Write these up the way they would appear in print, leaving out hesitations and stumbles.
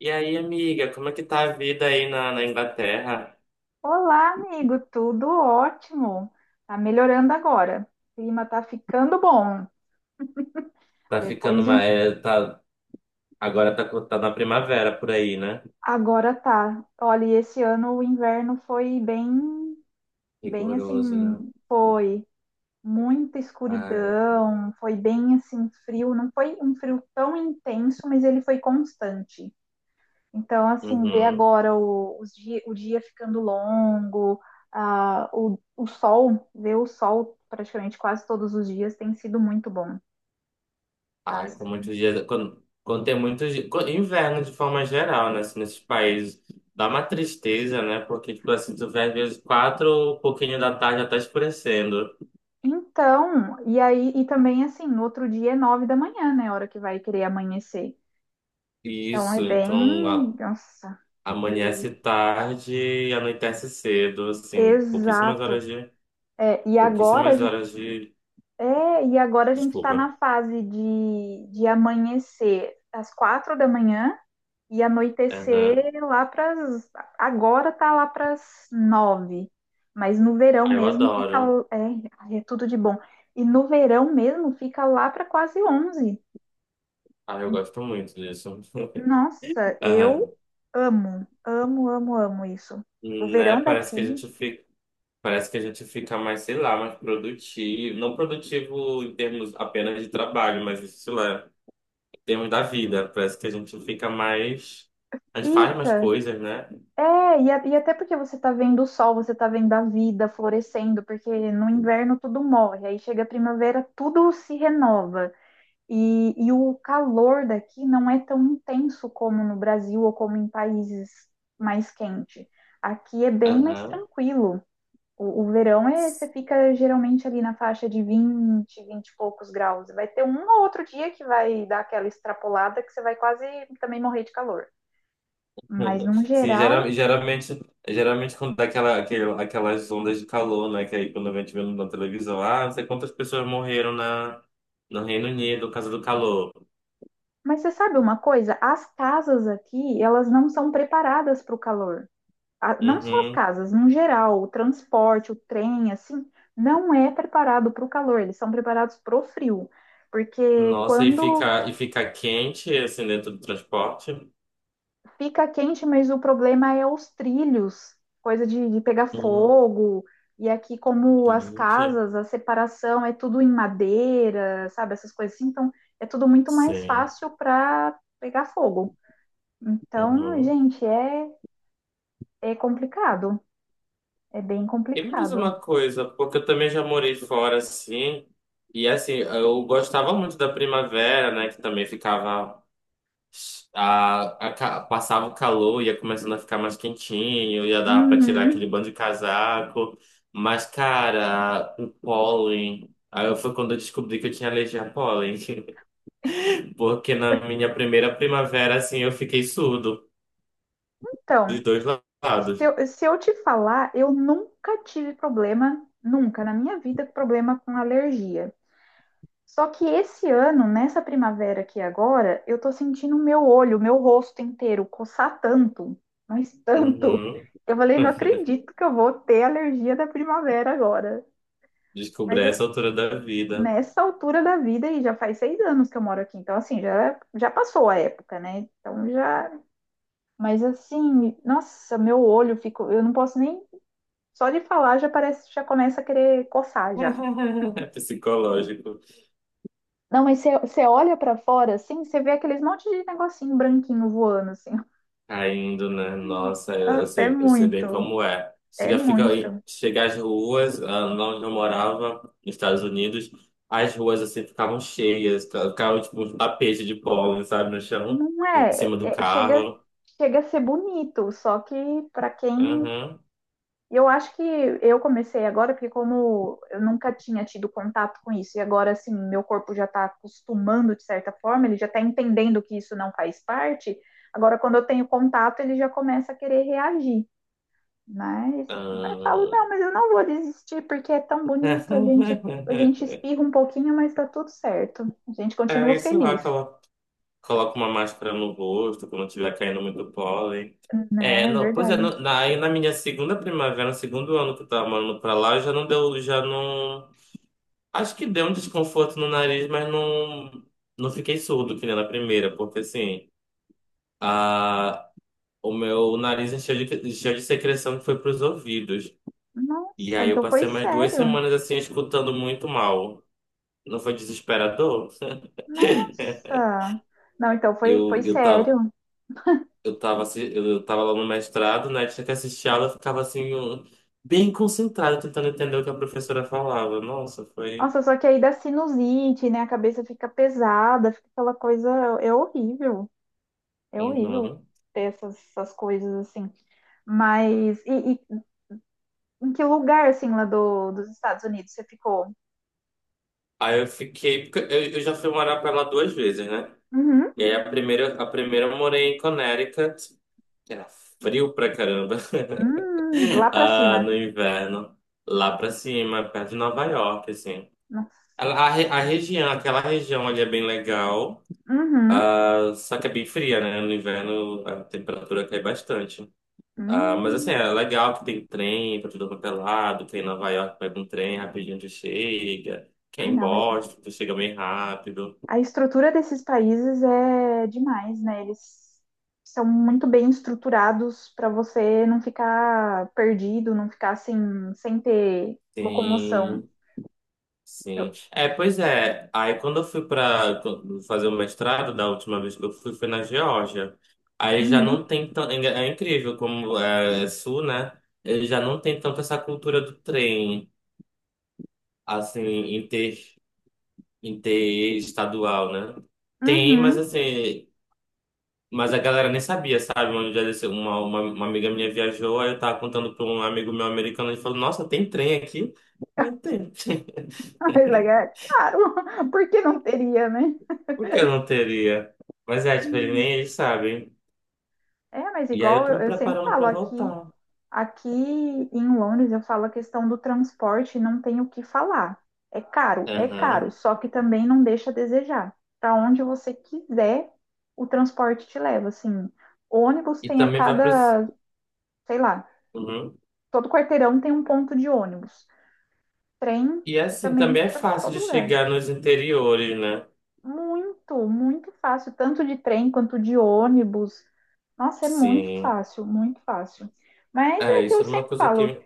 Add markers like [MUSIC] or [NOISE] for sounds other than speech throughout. E aí, amiga, como é que tá a vida aí na Inglaterra? Olá, amigo, tudo ótimo. Tá melhorando agora. O clima tá ficando bom. Tá Depois ficando de um. uma, é, tá, agora tá, tá na primavera por aí, né? Agora tá. Olha, e esse ano o inverno foi bem, bem Rigoroso, assim, né? foi muita Ai, escuridão, foi bem assim frio, não foi um frio tão intenso, mas ele foi constante. Então, assim, ver uhum. agora o dia ficando longo, ah, ver o sol praticamente quase todos os dias tem sido muito bom. Ai, com Passa. muitos dias, quando tem muitos dias, inverno de forma geral, né? Assim, nesses países, dá uma tristeza, né? Porque, tipo assim, tu vê às vezes quatro, pouquinho da tarde já tá escurecendo. Então, e aí, e também assim, no outro dia é 9 da manhã, né? A hora que vai querer amanhecer. Então é Isso, bem. então Nossa, amanhece tarde e anoitece cedo, assim, pouquíssimas exato. horas de É, e agora a pouquíssimas gente. horas de É, e agora a gente tá Desculpa. na fase de, amanhecer às 4 da manhã e Aham. anoitecer lá para Agora tá lá pras nove. Mas no verão Ah, eu mesmo fica. adoro. É, ai, é tudo de bom. E no verão mesmo fica lá para quase 11. Ah, eu gosto muito disso. [LAUGHS] Nossa, Aham. eu amo, amo, amo, amo isso. O Né? verão daqui Parece que a gente fica mais, sei lá, mais produtivo. Não produtivo em termos apenas de trabalho, mas sei lá, em termos da vida. Parece que a gente fica mais. A gente faz mais fica. coisas, né? É, e, e até porque você tá vendo o sol, você tá vendo a vida florescendo, porque no inverno tudo morre, aí chega a primavera, tudo se renova. e o calor daqui não é tão intenso como no Brasil ou como em países mais quentes. Aqui é bem mais Aham. [LAUGHS] tranquilo. O verão é, você fica geralmente ali na faixa de 20, 20 e poucos graus. Vai ter um ou outro dia que vai dar aquela extrapolada que você vai quase também morrer de calor. Mas no Sim, geral, geralmente, geralmente quando dá aquelas ondas de calor, né? Que aí quando a gente vê na televisão, ah, não sei quantas pessoas morreram no Reino Unido por causa do calor. mas você sabe uma coisa? As casas aqui, elas não são preparadas para o calor. Não só as Uhum. casas, no geral, o transporte, o trem, assim, não é preparado para o calor, eles são preparados para o frio. Porque Nossa, quando e fica quente assim dentro do transporte? Fica quente, mas o problema é os trilhos, coisa de pegar Hum, fogo. E aqui, como as gente. casas, a separação é tudo em madeira, sabe? Essas coisas assim. Então, é tudo muito mais Sim. fácil para pegar fogo. Então, Uhum. gente, é, é complicado. É bem E me diz complicado. uma coisa, porque eu também já morei fora assim. E assim, eu gostava muito da primavera, né? Que também ficava. Passava o calor, ia começando a ficar mais quentinho, ia dar pra tirar Uhum. aquele bando de casaco. Mas, cara, o pólen. Aí foi quando eu descobri que eu tinha alergia a pólen. Porque na minha primeira primavera, assim, eu fiquei surdo dos Então, dois se lados. eu, se eu te falar, eu nunca tive problema, nunca na minha vida, problema com alergia. Só que esse ano, nessa primavera aqui agora, eu tô sentindo o meu olho, o meu rosto inteiro coçar tanto, mas tanto. Uhum. Eu falei, não [LAUGHS] acredito que eu vou ter alergia da primavera agora. Descobri Mas é essa altura da vida. nessa altura da vida, e já faz 6 anos que eu moro aqui, então assim, já, já passou a época, né? Então já. Mas assim, nossa, meu olho ficou. Eu não posso nem. Só de falar já parece, já começa a querer coçar já. [LAUGHS] É psicológico. Não, mas você olha pra fora, assim, você vê aqueles monte de negocinho branquinho voando, assim. Caindo, né? Nossa, Nossa, é eu sei bem muito, como é. é muito. Chega às ruas, ah, lá onde eu morava, nos Estados Unidos, as ruas assim ficavam cheias, ficavam tipo um tapete de pólen, sabe, no chão, Não em é, cima do é- é- chega, carro. chega a ser bonito, só que pra quem. Uhum. Eu acho que eu comecei agora, porque como eu nunca tinha tido contato com isso, e agora, assim, meu corpo já tá acostumando de certa forma, ele já tá entendendo que isso não faz parte, agora quando eu tenho contato, ele já começa a querer reagir. Mas vai falo, Ah. não, mas eu não vou desistir porque é tão bonito, a gente a [LAUGHS] gente espirra um pouquinho, mas tá tudo certo. A gente continua É, sei lá, feliz, coloca uma máscara no rosto quando tiver caindo muito pólen. É, né? É não, pois é, verdade. Aí na minha segunda primavera, no segundo ano que eu tava morando pra lá, já não deu, já não. Acho que deu um desconforto no nariz, mas não, não fiquei surdo que nem na primeira, porque assim, a, o meu nariz encheu de secreção que foi pros ouvidos. E Nossa, aí eu então foi passei mais duas sério. semanas assim, escutando muito mal. Não foi desesperador? [LAUGHS] Nossa. Não, então foi Eu, eu tava sério. Eu tava lá no mestrado, né? Tinha que assistir aula, eu ficava assim, eu- bem concentrado, tentando entender o que a professora falava. Nossa, foi. Nossa, só que aí dá sinusite, né? A cabeça fica pesada, fica aquela coisa, é horrível. É horrível Uhum. ter essas coisas assim. Mas e em que lugar assim lá dos Estados Unidos você ficou? Aí eu fiquei. Porque eu já fui morar pra lá duas vezes, né? Uhum. E aí a primeira eu morei em Connecticut, que era frio pra caramba, Lá [LAUGHS] pra ah, no cima. inverno, lá pra cima, perto de Nova York, assim. Nossa. A região, aquela região ali é bem legal. Uhum. Ah, só que é bem fria, né? No inverno a temperatura cai bastante. Ah, mas assim, Hum. é legal que tem trem pra tudo quanto é lado. Quem em Nova York pega um trem rapidinho já chega. Ah, Quem em não. Boston tu chega bem rápido. A estrutura desses países é demais, né? Eles são muito bem estruturados para você não ficar perdido, não ficar assim, sem ter locomoção. Sim, sim. Eu- É, pois é. Aí quando eu fui pra fazer o mestrado, da última vez que eu fui, foi na Geórgia. Aí já não Uhum. tem tão. É é incrível como é, é sul, né? Ele já não tem tanto essa cultura do trem, assim, em ter. Interestadual, né? Tem, mas Uhum. assim, mas a galera nem sabia, sabe? Uma, vez Uma amiga minha viajou, aí eu tava contando pra um amigo meu americano, ele falou, nossa, tem trem aqui? Eu falei, tem. [LAUGHS] Mas legal. [LAUGHS] Claro, [LAUGHS] porque não teria, né? Por que eu não teria? Mas é, tipo, ele nem Hum. eles sabem. É, mas E aí eu igual tô eu me eu sempre preparando falo pra aqui voltar. Aqui em Londres, eu falo a questão do transporte, não tem o que falar. É caro, Aham. só que também não deixa a desejar. Para onde você quiser, o transporte te leva. Assim, ônibus E tem a também vai pro... cada, sei lá, Uhum. todo quarteirão tem um ponto de ônibus. Trem E assim, também também é para fácil de todo lugar. chegar nos interiores, né? Muito, muito fácil, tanto de trem quanto de ônibus. Nossa, é muito Sim. fácil, muito fácil. Mas É, é que isso eu era uma sempre coisa falo. que...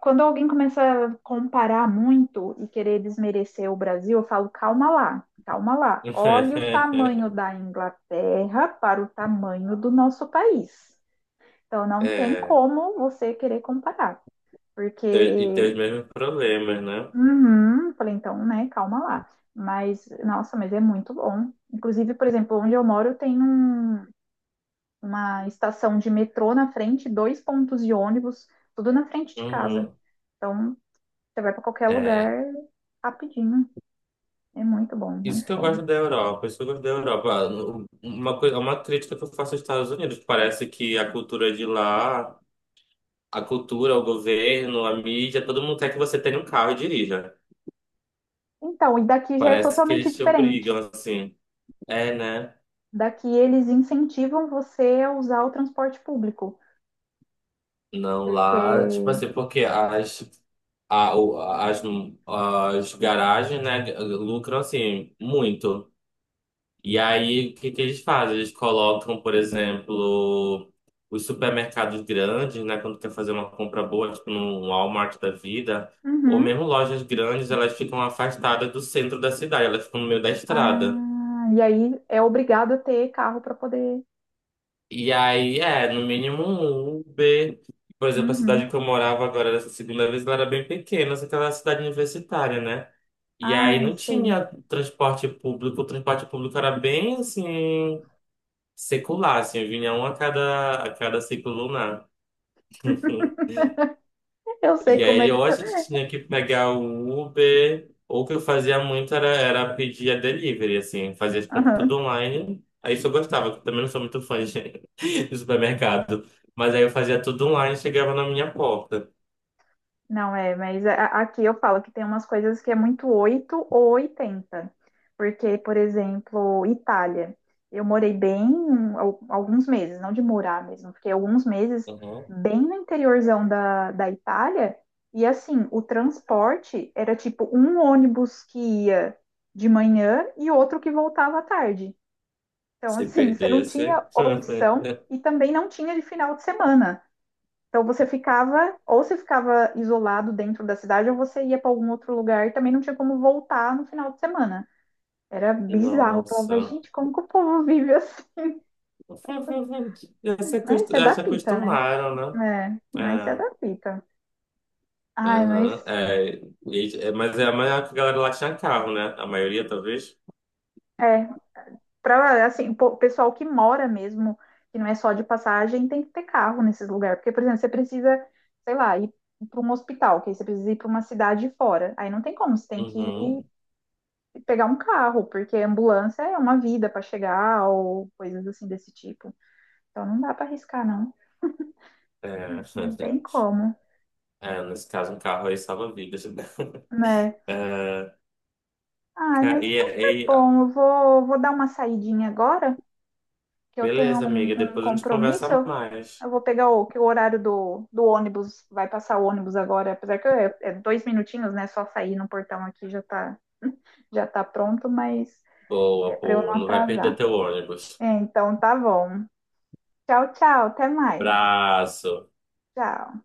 Quando alguém começa a comparar muito e querer desmerecer o Brasil, eu falo, calma lá, calma lá. Olha o tamanho [LAUGHS] da Inglaterra para o tamanho do nosso país. Então, não tem É. como você querer comparar, E ter porque. os mesmos problemas, né? Uhum, falei, então, né, calma lá. Mas, nossa, mas é muito bom. Inclusive, por exemplo, onde eu moro tem um- uma estação de metrô na frente, dois pontos de ônibus, tudo na frente de casa. Uhum. Então, você vai para qualquer É. lugar rapidinho. É muito bom, Isso muito que eu gosto bom. da Europa, isso que eu gosto da Europa. Ah, uma coisa, uma crítica que eu faço aos Estados Unidos, parece que a cultura de lá, a cultura, o governo, a mídia, todo mundo quer que você tenha um carro e dirija. Então, e daqui já é Parece que totalmente eles te diferente. obrigam, assim. É, né? Daqui eles incentivam você a usar o transporte público, Não, lá, tipo porque assim, porque as, a, o- as garagens, né, lucram, assim, muito. E aí, o que que eles fazem? Eles colocam, por exemplo, os supermercados grandes, né? Quando quer fazer uma compra boa, tipo no Walmart da vida, ou Uhum. mesmo lojas grandes, elas ficam afastadas do centro da cidade, elas ficam no meio da estrada. Ah, e aí é obrigado a ter carro para poder. E aí, é, no mínimo um Uber. Por exemplo, a cidade Uhum. que eu morava agora, dessa segunda vez, ela era bem pequena, só que ela era cidade universitária, né? E aí Ah, eu não sei. tinha transporte público, o transporte público era bem assim. Secular, assim, vinha um a cada ciclo lunar. Eu sei E como é aí, isso. ou a gente tinha que pegar o Uber, ou o que eu fazia muito era, era pedir a delivery, assim, fazia as compras Aham. tudo online. Aí isso eu gostava, porque eu também não sou muito fã de, [LAUGHS] de supermercado. Mas aí eu fazia tudo online e chegava na minha porta. Não é, mas a- aqui eu falo que tem umas coisas que é muito 8 ou 80, porque, por exemplo, Itália. Eu morei bem alguns meses, não de morar mesmo, fiquei alguns meses Uhum. bem no interiorzão da Itália. E assim, o transporte era tipo um ônibus que ia de manhã e outro que voltava à tarde. Então, Se assim, [LAUGHS] você não tinha perdesse. opção [LAUGHS] e também não tinha de final de semana. Então você ficava, ou você ficava isolado dentro da cidade, ou você ia para algum outro lugar e também não tinha como voltar no final de semana. Era bizarro. Eu falava, Nossa. gente, como que o povo vive assim? [LAUGHS] Mas isso é Já da se pita, né? acostumaram, né? É, mas isso é É. da pita. Ai, mas Aham, é, mas é a maior que a galera lá tinha carro, né? A maioria, talvez. é, para assim, o po- pessoal que mora mesmo, que não é só de passagem, tem que ter carro nesses lugares. Porque, por exemplo, você precisa, sei lá, ir para um hospital, que aí você precisa ir para uma cidade fora. Aí não tem como, você tem que ir Uhum. pegar um carro, porque ambulância é uma vida para chegar ou coisas assim desse tipo. Então não dá para arriscar, não. É, [LAUGHS] Não tem como, é, nesse caso, um carro aí salva vidas. Né? [LAUGHS] né? É, Ai, ca- mas e, então tá e, bom. Eu vou dar uma saidinha agora, que eu tenho beleza, um, amiga. um Depois a gente compromisso. conversa Eu, mais. eu vou pegar que o horário do ônibus, vai passar o ônibus agora, apesar que é 2 minutinhos, né? Só sair no portão aqui já tá, [LAUGHS] já tá pronto, mas é Boa, para eu boa. não Não vai perder atrasar. teu ônibus. É, então tá bom. Tchau, tchau. Até mais. Abraço. Tchau.